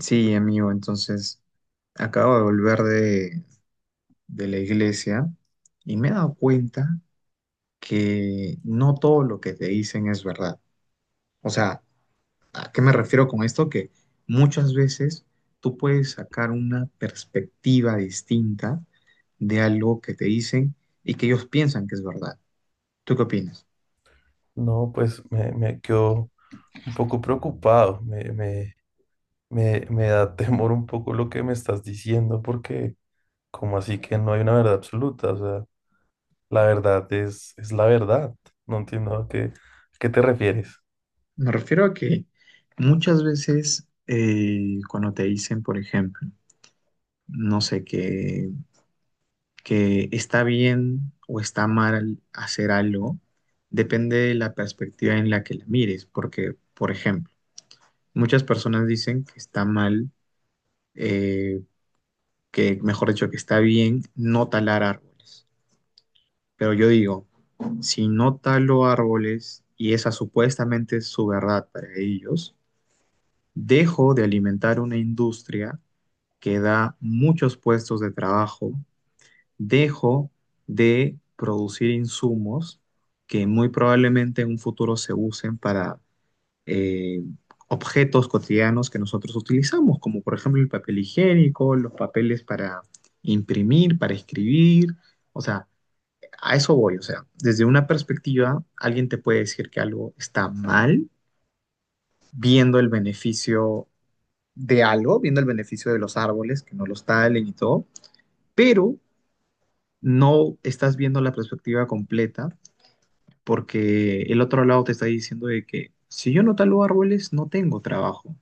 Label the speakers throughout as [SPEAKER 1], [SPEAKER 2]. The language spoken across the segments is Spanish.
[SPEAKER 1] Sí, amigo, entonces acabo de volver de la iglesia y me he dado cuenta que no todo lo que te dicen es verdad. O sea, ¿a qué me refiero con esto? Que muchas veces tú puedes sacar una perspectiva distinta de algo que te dicen y que ellos piensan que es verdad. ¿Tú qué opinas?
[SPEAKER 2] No, pues me quedo un poco preocupado, me da temor un poco lo que me estás diciendo, porque como así que no hay una verdad absoluta, o sea, la verdad es la verdad, no entiendo a qué te refieres.
[SPEAKER 1] Me refiero a que muchas veces cuando te dicen, por ejemplo, no sé qué que está bien o está mal hacer algo, depende de la perspectiva en la que la mires, porque, por ejemplo, muchas personas dicen que está mal, eh, que mejor dicho, que está bien no talar árboles, pero yo digo, si no talo árboles y esa supuestamente es su verdad para ellos, dejo de alimentar una industria que da muchos puestos de trabajo, dejo de producir insumos que muy probablemente en un futuro se usen para eh, objetos cotidianos que nosotros utilizamos, como por ejemplo el papel higiénico, los papeles para imprimir, para escribir. O sea, a eso voy. O sea, desde una perspectiva, alguien te puede decir que algo está mal viendo el beneficio de algo, viendo el beneficio de los árboles, que no los talen y todo, pero no estás viendo la perspectiva completa porque el otro lado te está diciendo de que si yo no talo árboles, no tengo trabajo,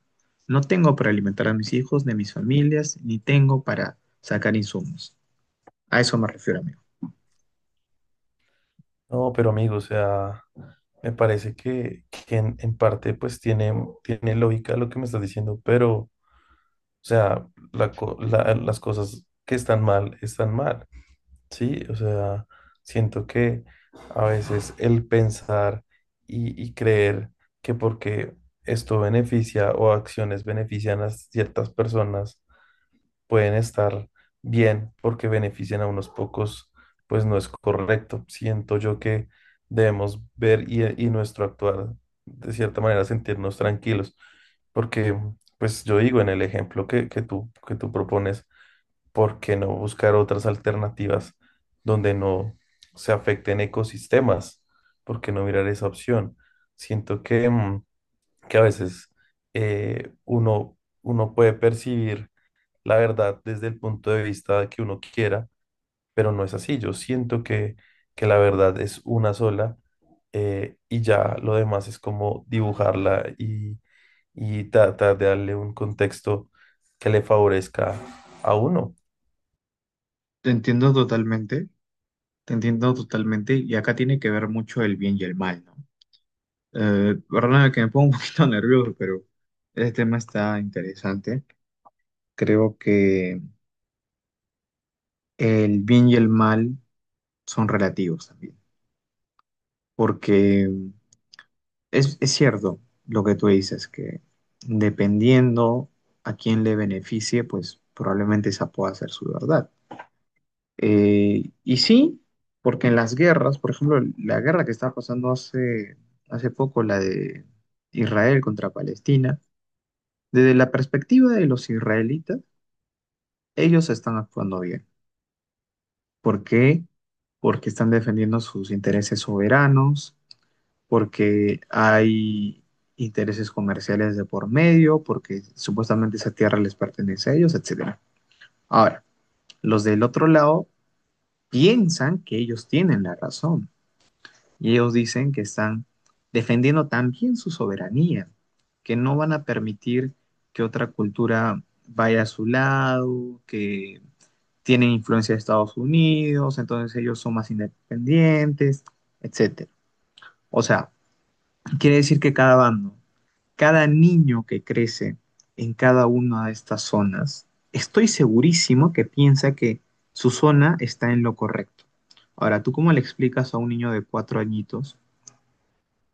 [SPEAKER 1] no tengo para alimentar a mis hijos, ni a mis familias, ni tengo para sacar insumos. A eso me refiero, amigo.
[SPEAKER 2] No, pero amigo, o sea, me parece que en parte pues tiene lógica lo que me estás diciendo, pero, o sea, las cosas que están mal, están mal. Sí, o sea, siento que a veces el pensar y creer que porque esto beneficia o acciones benefician a ciertas personas pueden estar bien porque benefician a unos pocos, pues no es correcto. Siento yo que debemos ver y nuestro actuar, de cierta manera, sentirnos tranquilos, porque, pues yo digo en el ejemplo que, que tú propones. ¿Por qué no buscar otras alternativas donde no se afecten ecosistemas? ¿Por qué no mirar esa opción? Siento que a veces uno puede percibir la verdad desde el punto de vista que uno quiera, pero no es así. Yo siento que la verdad es una sola y ya lo demás es como dibujarla y tratar de darle un contexto que le favorezca a uno.
[SPEAKER 1] Te entiendo totalmente, te entiendo totalmente, y acá tiene que ver mucho el bien y el mal, ¿no? Perdóname que me pongo un poquito nervioso, pero este tema está interesante. Creo que el bien y el mal son relativos también, porque es cierto lo que tú dices, que dependiendo a quién le beneficie, pues probablemente esa pueda ser su verdad. Y sí, porque en las guerras, por ejemplo, la guerra que estaba pasando hace poco, la de Israel contra Palestina, desde la perspectiva de los israelitas, ellos están actuando bien. ¿Por qué? Porque están defendiendo sus intereses soberanos, porque hay intereses comerciales de por medio, porque supuestamente esa tierra les pertenece a ellos, etcétera. Ahora, los del otro lado piensan que ellos tienen la razón y ellos dicen que están defendiendo también su soberanía, que no van a permitir que otra cultura vaya a su lado, que tienen influencia de Estados Unidos, entonces ellos son más independientes, etcétera. O sea, quiere decir que cada bando, cada niño que crece en cada una de estas zonas, estoy segurísimo que piensa que su zona está en lo correcto. Ahora, ¿tú cómo le explicas a un niño de cuatro añitos?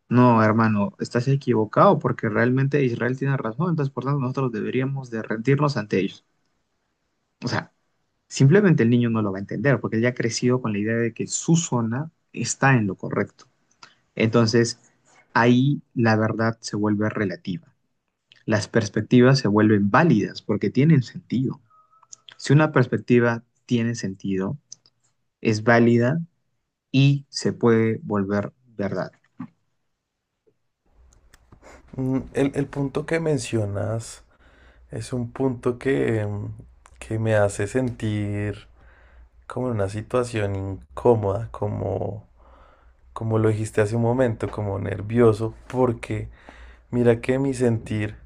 [SPEAKER 1] No, hermano, estás equivocado porque realmente Israel tiene razón, entonces por tanto nosotros deberíamos de rendirnos ante ellos. O sea, simplemente el niño no lo va a entender porque él ya ha crecido con la idea de que su zona está en lo correcto. Entonces, ahí la verdad se vuelve relativa. Las perspectivas se vuelven válidas porque tienen sentido. Si una perspectiva tiene sentido, es válida y se puede volver verdad.
[SPEAKER 2] El punto que mencionas es un punto que me hace sentir como en una situación incómoda, como, como lo dijiste hace un momento, como nervioso, porque mira que mi sentir,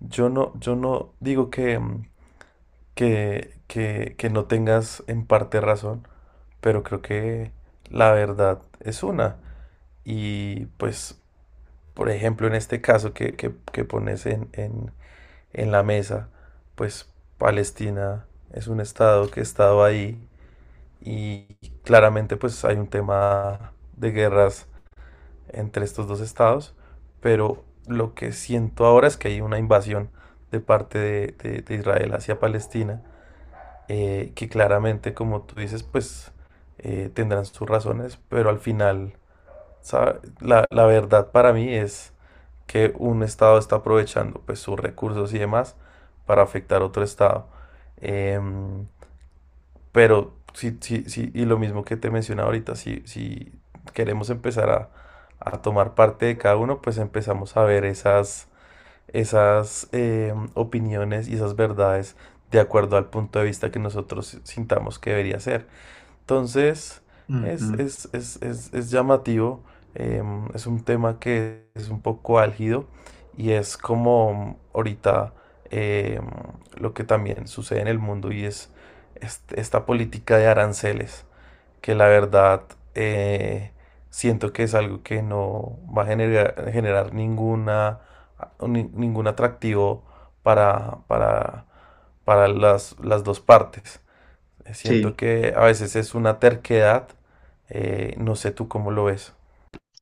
[SPEAKER 2] yo no digo que, que no tengas en parte razón, pero creo que la verdad es una. Y pues, por ejemplo, en este caso que pones en la mesa, pues Palestina es un estado que ha estado ahí y claramente pues hay un tema de guerras entre estos dos estados, pero lo que siento ahora es que hay una invasión de parte de Israel hacia Palestina, que claramente, como tú dices, pues tendrán sus razones, pero al final, ¿sabe? La verdad para mí es que un estado está aprovechando pues sus recursos y demás para afectar a otro estado. Em, pero sí, sí, sí, y lo mismo que te mencionaba ahorita, si queremos empezar a tomar parte de cada uno, pues empezamos a ver esas opiniones y esas verdades de acuerdo al punto de vista que nosotros sintamos que debería ser. Entonces,
[SPEAKER 1] Uh
[SPEAKER 2] es,
[SPEAKER 1] -huh.
[SPEAKER 2] es, es, es, es llamativo, es un tema que es un poco álgido y es como ahorita em, lo que también sucede en el mundo y es esta política de aranceles, que la verdad eh, siento que es algo que no va a generar ninguna, ningún atractivo para, para, para las dos partes. Siento
[SPEAKER 1] Sí,
[SPEAKER 2] que a veces es una terquedad no sé tú cómo lo ves.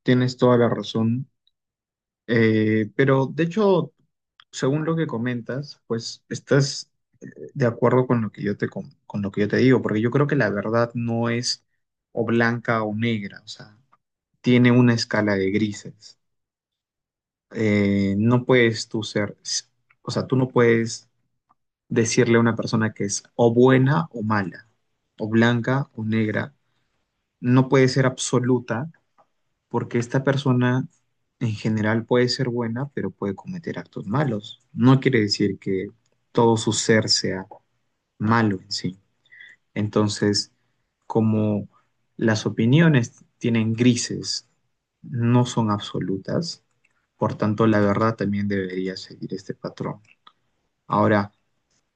[SPEAKER 1] tienes toda la razón. Pero de hecho, según lo que comentas, pues estás de acuerdo con lo que yo te, con lo que yo te digo, porque yo creo que la verdad no es o blanca o negra, o sea, tiene una escala de grises. No puedes tú ser, o sea, tú no puedes decirle a una persona que es o buena o mala, o blanca o negra. No puede ser absoluta porque esta persona en general puede ser buena, pero puede cometer actos malos. No quiere decir que todo su ser sea malo en sí. Entonces, como las opiniones tienen grises, no son absolutas, por tanto, la verdad también debería seguir este patrón. Ahora,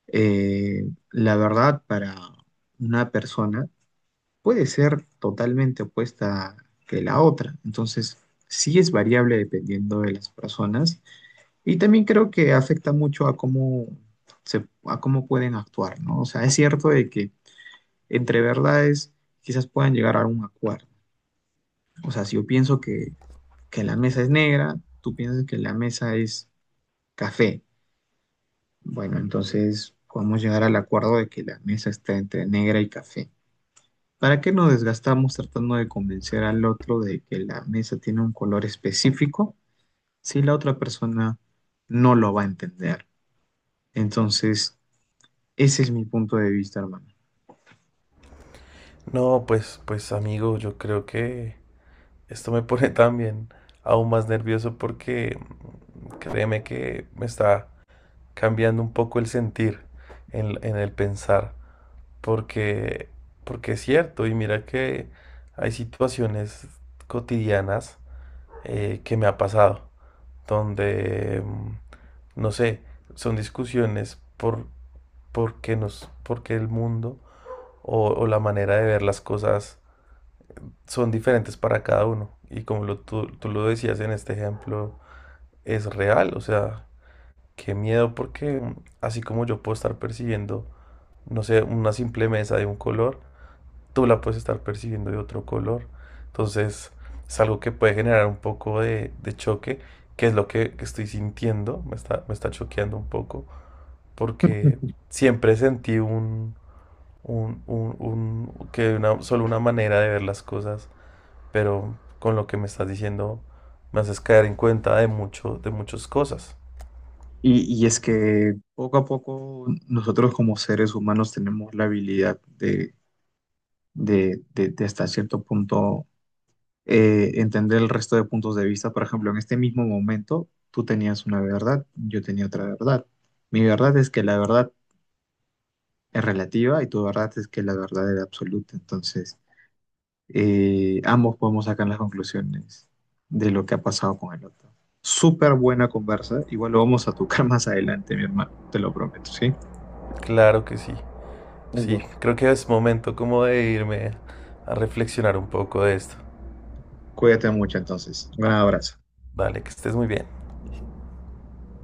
[SPEAKER 1] eh, la verdad para una persona puede ser totalmente opuesta que la otra. Entonces, sí es variable dependiendo de las personas y también creo que afecta mucho a cómo se, a cómo pueden actuar, ¿no? O sea, es cierto de que entre verdades quizás puedan llegar a un acuerdo. O sea, si yo pienso que la mesa es negra, tú piensas que la mesa es café. Bueno, entonces podemos llegar al acuerdo de que la mesa está entre negra y café. ¿Para qué nos desgastamos tratando de convencer al otro de que la mesa tiene un color específico si la otra persona no lo va a entender? Entonces, ese es mi punto de vista, hermano.
[SPEAKER 2] No, pues, pues amigo, yo creo que esto me pone también aún más nervioso porque créeme que me está cambiando un poco el sentir en el pensar, porque, porque es cierto, y mira que hay situaciones cotidianas que me ha pasado, donde, mm, no sé, son discusiones porque el mundo o la manera de ver las cosas son diferentes para cada uno. Y como lo, tú lo decías en este ejemplo, es real, o sea, qué miedo porque así como yo puedo estar percibiendo, no sé, una simple mesa de un color, tú la puedes estar percibiendo de otro color. Entonces, es algo que puede generar un poco de choque, que es lo que estoy sintiendo, me está choqueando un poco, porque siempre sentí que solo una manera de ver las cosas, pero con lo que me estás diciendo me haces caer en cuenta de muchas cosas.
[SPEAKER 1] Y es que poco a poco nosotros como seres humanos tenemos la habilidad de hasta cierto punto entender el resto de puntos de vista. Por ejemplo, en este mismo momento tú tenías una verdad, yo tenía otra verdad. Mi verdad es que la verdad es relativa y tu verdad es que la verdad es absoluta. Entonces, ambos podemos sacar las conclusiones de lo que ha pasado con el otro. Súper buena conversa. Igual lo vamos a tocar más adelante, mi hermano. Te lo prometo, ¿sí?
[SPEAKER 2] Claro que sí. Sí,
[SPEAKER 1] Igual.
[SPEAKER 2] creo que es momento como de irme a reflexionar un poco de esto.
[SPEAKER 1] Cuídate mucho entonces. Un gran abrazo.
[SPEAKER 2] Vale, que estés muy bien.